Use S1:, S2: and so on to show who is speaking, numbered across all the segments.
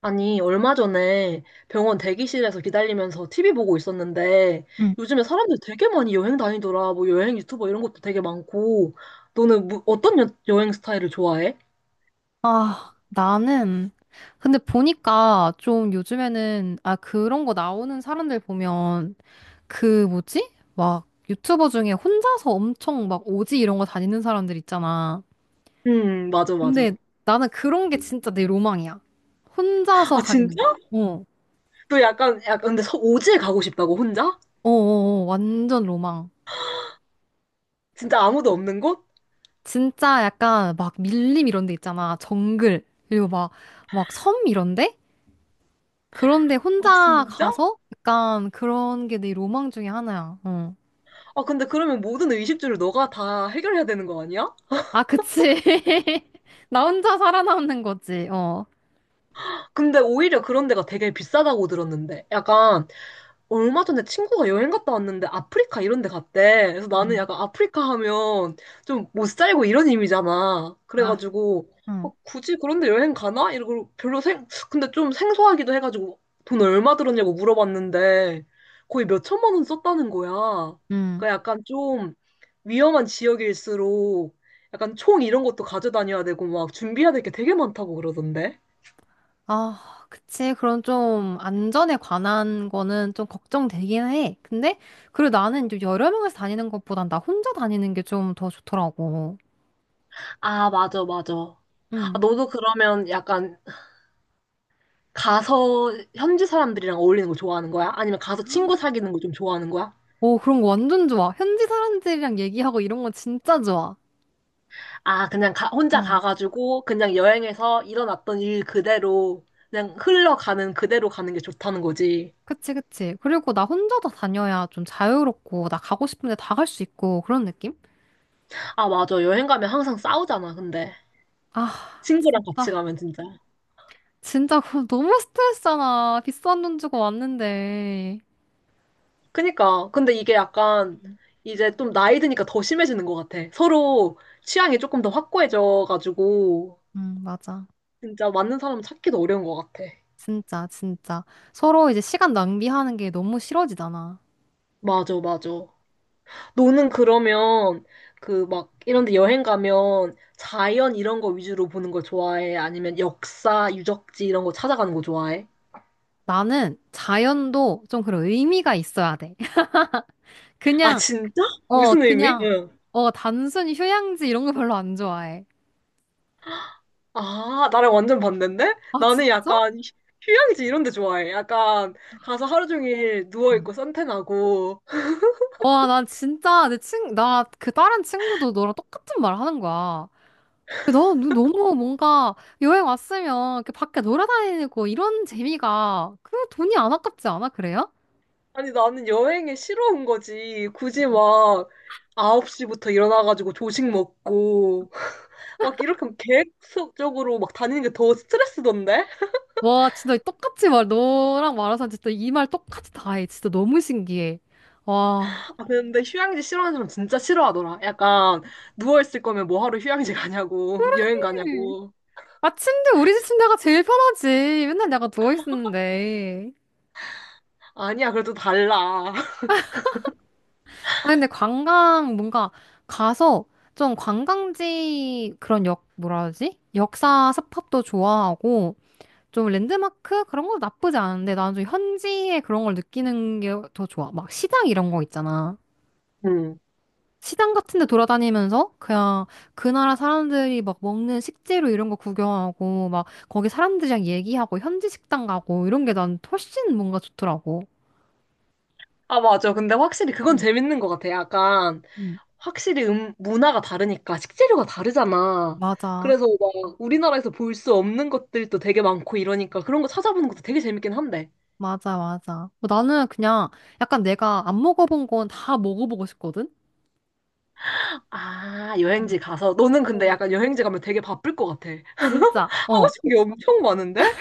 S1: 아니, 얼마 전에 병원 대기실에서 기다리면서 TV 보고 있었는데,
S2: 응.
S1: 요즘에 사람들 되게 많이 여행 다니더라. 뭐 여행 유튜버 이런 것도 되게 많고, 너는 뭐, 어떤 여행 스타일을 좋아해?
S2: 아, 나는, 근데 보니까 좀 요즘에는, 아, 그런 거 나오는 사람들 보면, 그 뭐지? 막 유튜버 중에 혼자서 엄청 막 오지 이런 거 다니는 사람들 있잖아.
S1: 맞아, 맞아.
S2: 근데 나는 그런 게 진짜 내 로망이야. 혼자서
S1: 아, 진짜?
S2: 가리는 거. 어,
S1: 너 약간, 약간, 근데 오지에 가고 싶다고, 혼자?
S2: 어, 어, 어. 완전 로망.
S1: 진짜 아무도 없는 곳?
S2: 진짜 약간 막 밀림 이런 데 있잖아. 정글. 그리고 막, 막 섬 이런데? 그런데
S1: 아,
S2: 혼자
S1: 진짜?
S2: 가서 약간 그런 게 내 로망 중에 하나야. 어.
S1: 아, 근데 그러면 모든 의식주를 너가 다 해결해야 되는 거 아니야?
S2: 아, 그치. 나 혼자 살아남는 거지. 어.
S1: 근데 오히려 그런 데가 되게 비싸다고 들었는데. 약간, 얼마 전에 친구가 여행 갔다 왔는데 아프리카 이런 데 갔대. 그래서 나는
S2: 음.
S1: 약간 아프리카 하면 좀 못 살고 이런 이미잖아.
S2: 아,
S1: 그래가지고
S2: 응.
S1: 어, 굳이 그런 데 여행 가나? 이러고 별로 생 근데 좀 생소하기도 해가지고 돈 얼마 들었냐고 물어봤는데 거의 몇 천만 원 썼다는 거야.
S2: 응.
S1: 그러니까 약간 좀 위험한 지역일수록 약간 총 이런 것도 가져다녀야 되고 막 준비해야 될 게 되게 많다고 그러던데.
S2: 아, 그치. 그런 좀 안전에 관한 거는 좀 걱정되긴 해. 근데 그리고 나는 이제 여러 명이서 다니는 것보단 나 혼자 다니는 게 좀 더 좋더라고.
S1: 아, 맞아, 맞아. 아,
S2: 응.
S1: 너도 그러면 약간 가서 현지 사람들이랑 어울리는 거 좋아하는 거야? 아니면 가서 친구 사귀는 거 좀 좋아하는 거야?
S2: 오, 그런 거 완전 좋아. 현지 사람들이랑 얘기하고 이런 거 진짜 좋아.
S1: 아, 그냥 혼자
S2: 어.
S1: 가가지고 그냥 여행에서 일어났던 일 그대로 그냥 흘러가는 그대로 가는 게 좋다는 거지.
S2: 그치, 그치. 그리고 나 혼자 다 다녀야 좀 자유롭고, 나 가고 싶은데 다 갈 수 있고, 그런 느낌?
S1: 아, 맞아. 여행 가면 항상 싸우잖아, 근데.
S2: 아,
S1: 친구랑 같이
S2: 진짜.
S1: 가면 진짜.
S2: 진짜 그거 너무 스트레스잖아. 비싼 돈 주고 왔는데.
S1: 그니까. 근데 이게 약간 이제 좀 나이 드니까 더 심해지는 것 같아. 서로 취향이 조금 더 확고해져가지고
S2: 응, 맞아.
S1: 진짜 맞는 사람 찾기도 어려운 것 같아.
S2: 진짜, 진짜. 서로 이제 시간 낭비하는 게 너무 싫어지잖아.
S1: 맞아, 맞아. 너는 그러면 그 막 이런 데 여행 가면 자연 이런 거 위주로 보는 걸 좋아해? 아니면 역사, 유적지 이런 거 찾아가는 거 좋아해?
S2: 나는 자연도 좀 그런 의미가 있어야 돼.
S1: 아,
S2: 그냥,
S1: 진짜?
S2: 어,
S1: 무슨 의미?
S2: 그냥,
S1: 응.
S2: 어, 단순히 휴양지 이런 거 별로 안 좋아해.
S1: 아, 나랑 완전 반대인데?
S2: 아,
S1: 나는
S2: 진짜?
S1: 약간 휴양지 이런 데 좋아해. 약간 가서 하루 종일
S2: 응.
S1: 누워있고 선탠하고.
S2: 와, 난 진짜 내 친, 나 그 다른 친구도 너랑 똑같은 말 하는 거야. 너 너무 뭔가 여행 왔으면 그 밖에 놀아다니고 이런 재미가 그 돈이 안 아깝지 않아? 그래요?
S1: 아니, 나는 여행에 싫어온 거지. 굳이 막 9시부터 일어나가지고 조식 먹고. 막 이렇게 계획적으로 막 다니는 게 더 스트레스던데?
S2: 와, 진짜 똑같이 말, 너랑 말해서 진짜 이 말 똑같이 다 해. 진짜 너무 신기해. 와.
S1: 아, 근데 휴양지 싫어하는 사람 진짜 싫어하더라. 약간 누워있을 거면 뭐 하러 휴양지 가냐고, 여행
S2: 음.
S1: 가냐고.
S2: 아, 침대, 우리 집 침대가 제일 편하지. 맨날 내가 누워있었는데.
S1: 아니야, 그래도 달라.
S2: 아, 근데 관광, 뭔가 가서 좀 관광지 그런 역, 뭐라 하지? 역사 스팟도 좋아하고, 좀 랜드마크? 그런 거 나쁘지 않은데, 나는 좀 현지의 그런 걸 느끼는 게 더 좋아. 막 시장 이런 거 있잖아.
S1: 음.
S2: 시장 같은 데 돌아다니면서 그냥 그 나라 사람들이 막 먹는 식재료 이런 거 구경하고, 막 거기 사람들이랑 얘기하고, 현지 식당 가고, 이런 게 난 훨씬 뭔가 좋더라고.
S1: 아, 맞아. 근데 확실히 그건
S2: 응,
S1: 재밌는 것 같아. 약간
S2: 응.
S1: 확실히 문화가 다르니까 식재료가 다르잖아.
S2: 맞아.
S1: 그래서 막 우리나라에서 볼 수 없는 것들도 되게 많고 이러니까 그런 거 찾아보는 것도 되게 재밌긴 한데.
S2: 맞아, 맞아. 뭐 나는 그냥 약간 내가 안 먹어본 건 다 먹어보고 싶거든?
S1: 아,
S2: 어.
S1: 여행지 가서. 너는
S2: 어.
S1: 근데 약간 여행지 가면 되게 바쁠 것 같아.
S2: 진짜.
S1: 하고
S2: 어.
S1: 싶은 게 엄청 많은데?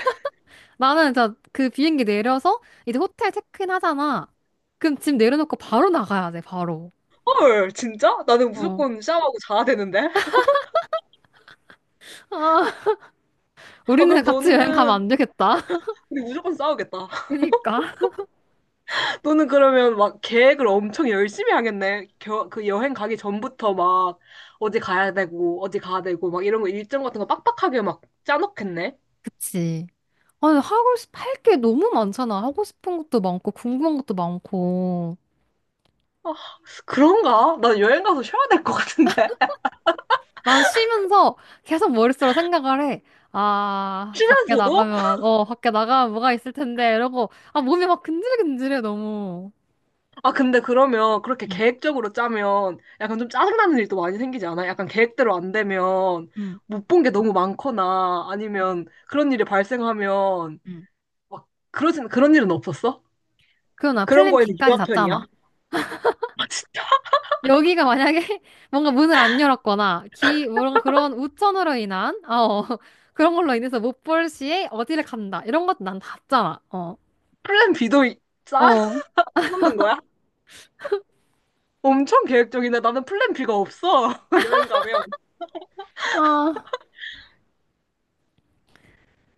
S2: 나는 진짜 그 비행기 내려서 이제 호텔 체크인 하잖아. 그럼 짐 내려놓고 바로 나가야 돼, 바로.
S1: 헐, 진짜? 나는
S2: 어. 아,
S1: 무조건 샤워하고 자야 되는데? 아,
S2: 우리는
S1: 그럼
S2: 같이 여행 가면 안
S1: 너는,
S2: 되겠다.
S1: 우리 무조건 싸우겠다.
S2: 그니까.
S1: 너는 그러면 막 계획을 엄청 열심히 하겠네. 그 여행 가기 전부터 막 어디 가야 되고, 어디 가야 되고, 막 이런 거 일정 같은 거 빡빡하게 막 짜놓겠네.
S2: 그치. 아니, 하고 싶, 할 게 너무 많잖아. 하고 싶은 것도 많고, 궁금한 것도 많고.
S1: 아, 그런가? 난 여행 가서 쉬어야 될 것 같은데.
S2: 난 쉬면서 계속 머릿속으로 생각을 해. 아, 밖에
S1: 쉬면서도?
S2: 나가면, 어, 밖에 나가면 뭐가 있을 텐데, 이러고, 아, 몸이 막 근질근질해, 너무.
S1: 아, 근데 그러면 그렇게
S2: 응,
S1: 계획적으로 짜면 약간 좀 짜증나는 일도 많이 생기지 않아? 약간 계획대로 안 되면
S2: 응,
S1: 못 본 게 너무 많거나
S2: 응,
S1: 아니면 그런 일이 발생하면
S2: 응.
S1: 막 그런 일은 없었어?
S2: 그럼 나
S1: 그런
S2: 플랜
S1: 거에는
S2: B까지
S1: 유한
S2: 잤잖아.
S1: 편이야? 아, 진짜?
S2: 여기가 만약에 뭔가 문을 안 열었거나, 기, 뭔가 그런 우천으로 인한, 아, 어, 그런 걸로 인해서 못 볼 시에 어디를 간다. 이런 것도 난 다 잤잖아. 어.
S1: 플랜 B도
S2: 어,
S1: 짜놓는 거야? 엄청 계획적이네. 나는 플랜 B가 없어. 여행 가면.
S2: 아,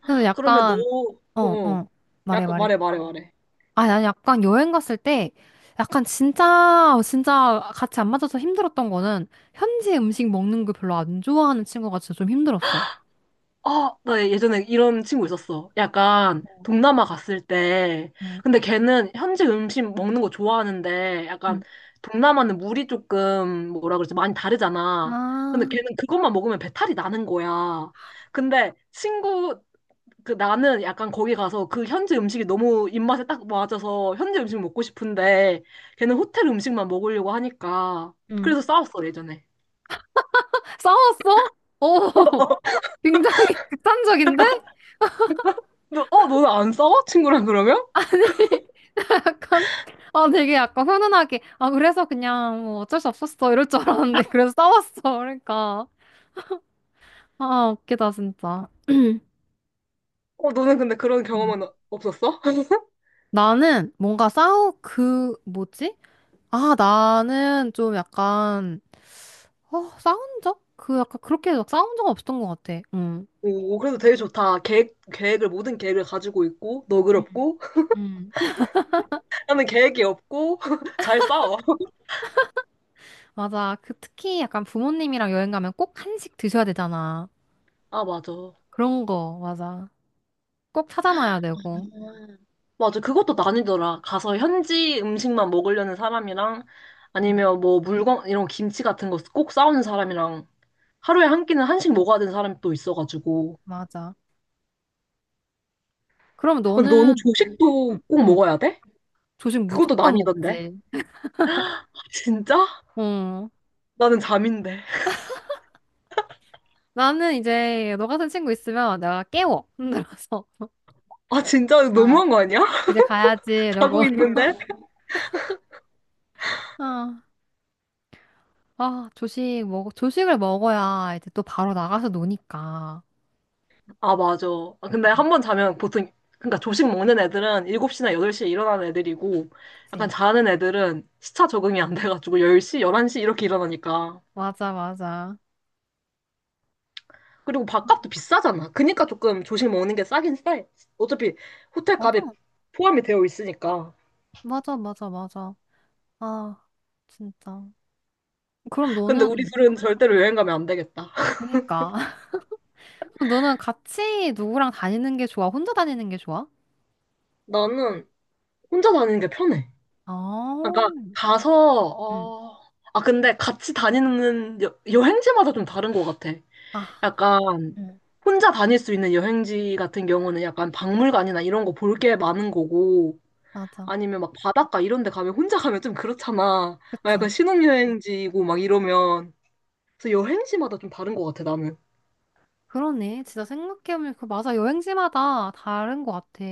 S2: 그래서
S1: 그러면 너,
S2: 약간,
S1: 어,
S2: 어,
S1: 어.
S2: 어. 말해,
S1: 약간
S2: 말해.
S1: 말해, 말해, 말해.
S2: 아, 난 약간 여행 갔을 때 약간 진짜 진짜 같이 안 맞아서 힘들었던 거는 현지 음식 먹는 거 별로 안 좋아하는 친구가 진짜 좀 힘들었어.
S1: 아, 나 예전에 이런 친구 있었어. 약간 동남아 갔을 때.
S2: 응,
S1: 근데 걔는 현지 음식 먹는 거 좋아하는데 약간
S2: 응,
S1: 동남아는 물이 조금 뭐라 그러지? 많이 다르잖아. 근데
S2: 아,
S1: 걔는 그것만 먹으면 배탈이 나는 거야. 근데 친구, 그 나는 약간 거기 가서 그 현지 음식이 너무 입맛에 딱 맞아서 현지 음식 먹고 싶은데 걔는 호텔 음식만 먹으려고 하니까
S2: 응.
S1: 그래서 싸웠어 예전에.
S2: 싸웠어? 오, 굉장히 극단적인데?
S1: 너, 어 너는 안 싸워? 친구랑 그러면?
S2: 약간, 아, 되게 약간 훈훈하게, 아, 그래서 그냥 뭐 어쩔 수 없었어. 이럴 줄 알았는데, 그래서 싸웠어. 그러니까. 아, 웃기다, 진짜.
S1: 어 너는 근데 그런
S2: 응.
S1: 경험은 없었어?
S2: 나는 뭔가 싸우, 그, 뭐지? 아, 나는 좀 약간, 어, 싸운 적? 그 약간 그렇게 막 싸운 적 없었던 것 같아. 응.
S1: 오 그래도 되게 좋다. 계획을 모든 계획을 가지고 있고
S2: 음,
S1: 너그럽고
S2: 음.
S1: 나는 계획이 없고 잘 싸워.
S2: 맞아. 그 특히 약간 부모님이랑 여행 가면 꼭 한식 드셔야 되잖아.
S1: 아 맞아.
S2: 그런 거, 맞아. 꼭 찾아놔야 되고.
S1: 음. 맞아, 그것도 나뉘더라. 가서 현지 음식만 먹으려는 사람이랑
S2: 응,
S1: 아니면 뭐 물건, 이런 김치 같은 거 꼭 싸오는 사람이랑 하루에 한 끼는 한식 먹어야 되는 사람이 또 있어가지고.
S2: 맞아. 그럼
S1: 근데 너는
S2: 너는, 응,
S1: 조식도 꼭
S2: 응.
S1: 먹어야 돼?
S2: 조식
S1: 그것도
S2: 무조건
S1: 나뉘던데.
S2: 먹지.
S1: 아, 진짜?
S2: 응.
S1: 나는 잠인데.
S2: 나는 이제 너 같은 친구 있으면 내가 깨워. 힘들어서.
S1: 아, 진짜
S2: 아,
S1: 너무한 거 아니야?
S2: 이제 가야지.
S1: 자고
S2: 이러고.
S1: 있는데?
S2: 아. 아, 조식 먹, 조식을 먹어야 이제 또 바로 나가서 노니까.
S1: 아, 맞아. 아, 근데
S2: 음.
S1: 한 번 자면 보통, 그러니까 조식 먹는 애들은 7시나 8시에 일어나는 애들이고, 약간
S2: 그치?
S1: 자는 애들은 시차 적응이 안 돼가지고 10시, 11시 이렇게 일어나니까.
S2: 맞아, 맞아.
S1: 그리고 밥값도 비싸잖아. 그니까 조금 조식 먹는 게 싸긴 싸. 어차피 호텔 값에
S2: 맞아.
S1: 포함이 되어 있으니까.
S2: 맞아, 맞아, 맞아. 아, 진짜. 그럼
S1: 근데 우리
S2: 너는,
S1: 둘은 절대로 여행 가면 안 되겠다.
S2: 그니까. 그럼 너는 같이 누구랑 다니는 게 좋아? 혼자 다니는 게 좋아?
S1: 나는 혼자 다니는 게 편해. 그러니까
S2: 아,
S1: 가서,
S2: 응
S1: 어, 아, 근데 같이 다니는 여행지마다 좀 다른 것 같아.
S2: 아,
S1: 약간
S2: 응
S1: 혼자 다닐 수 있는 여행지 같은 경우는 약간 박물관이나 이런 거 볼 게 많은 거고
S2: 맞아.
S1: 아니면 막 바닷가 이런 데 가면 혼자 가면 좀 그렇잖아. 막 약간
S2: 그치?
S1: 신혼여행지고 막 이러면 그래서 여행지마다 좀 다른 것 같아 나는.
S2: 그러네. 진짜 생각해보면, 그 맞아. 여행지마다 다른 것 같아.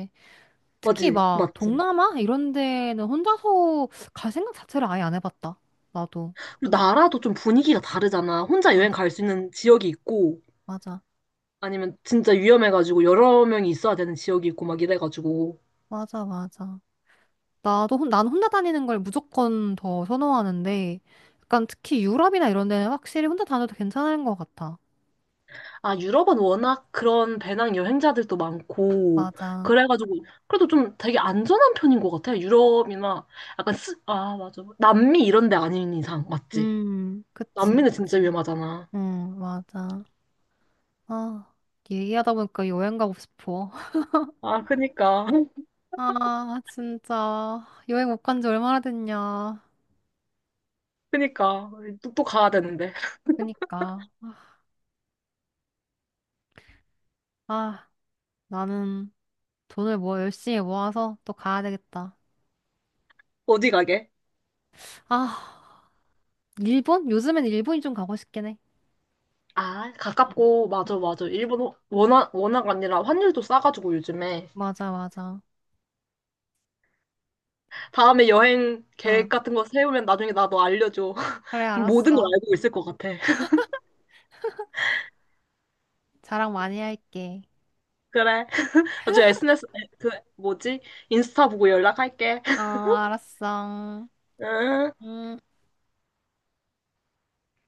S2: 특히
S1: 맞지?
S2: 막
S1: 맞지?
S2: 동남아 이런 데는 혼자서 갈 생각 자체를 아예 안 해봤다. 나도.
S1: 그리고 나라도 좀 분위기가 다르잖아. 혼자 여행
S2: 맞아,
S1: 갈 수 있는 지역이 있고
S2: 맞아,
S1: 아니면 진짜 위험해가지고 여러 명이 있어야 되는 지역이 있고 막 이래가지고
S2: 맞아. 나도 혼, 난 혼자 다니는 걸 무조건 더 선호하는데, 약간 특히 유럽이나 이런 데는 확실히 혼자 다녀도 괜찮은 것 같아.
S1: 아, 유럽은 워낙 그런 배낭 여행자들도 많고,
S2: 맞아.
S1: 그래가지고, 그래도 좀 되게 안전한 편인 것 같아요. 유럽이나, 약간 아, 맞아. 남미 이런 데 아닌 이상, 맞지?
S2: 그치,
S1: 남미는 진짜
S2: 그치.
S1: 위험하잖아.
S2: 응, 맞아. 아, 얘기하다 보니까 여행 가고 싶어.
S1: 아, 그니까.
S2: 아, 진짜. 여행 못 간지 얼마나 됐냐.
S1: 그니까. 또, 또 가야 되는데.
S2: 그니까. 아, 나는. 돈을 뭐 열심히 모아서 또 가야 되겠다.
S1: 어디 가게?
S2: 아, 일본? 요즘엔 일본이 좀 가고 싶긴 해.
S1: 아,
S2: 응.
S1: 가깝고, 맞아,
S2: 응.
S1: 맞아. 일본 워낙, 워낙 아니라 환율도 싸가지고 요즘에.
S2: 맞아, 맞아.
S1: 다음에 여행 계획
S2: 응.
S1: 같은 거 세우면 나중에 나도 알려줘.
S2: 그래,
S1: 모든 걸
S2: 알았어.
S1: 알고 있을 것 같아.
S2: 자랑 많이 할게.
S1: 그래. 나중에 SNS, 그, 뭐지? 인스타 보고 연락할게.
S2: 어, 알았어.
S1: 응.
S2: 음.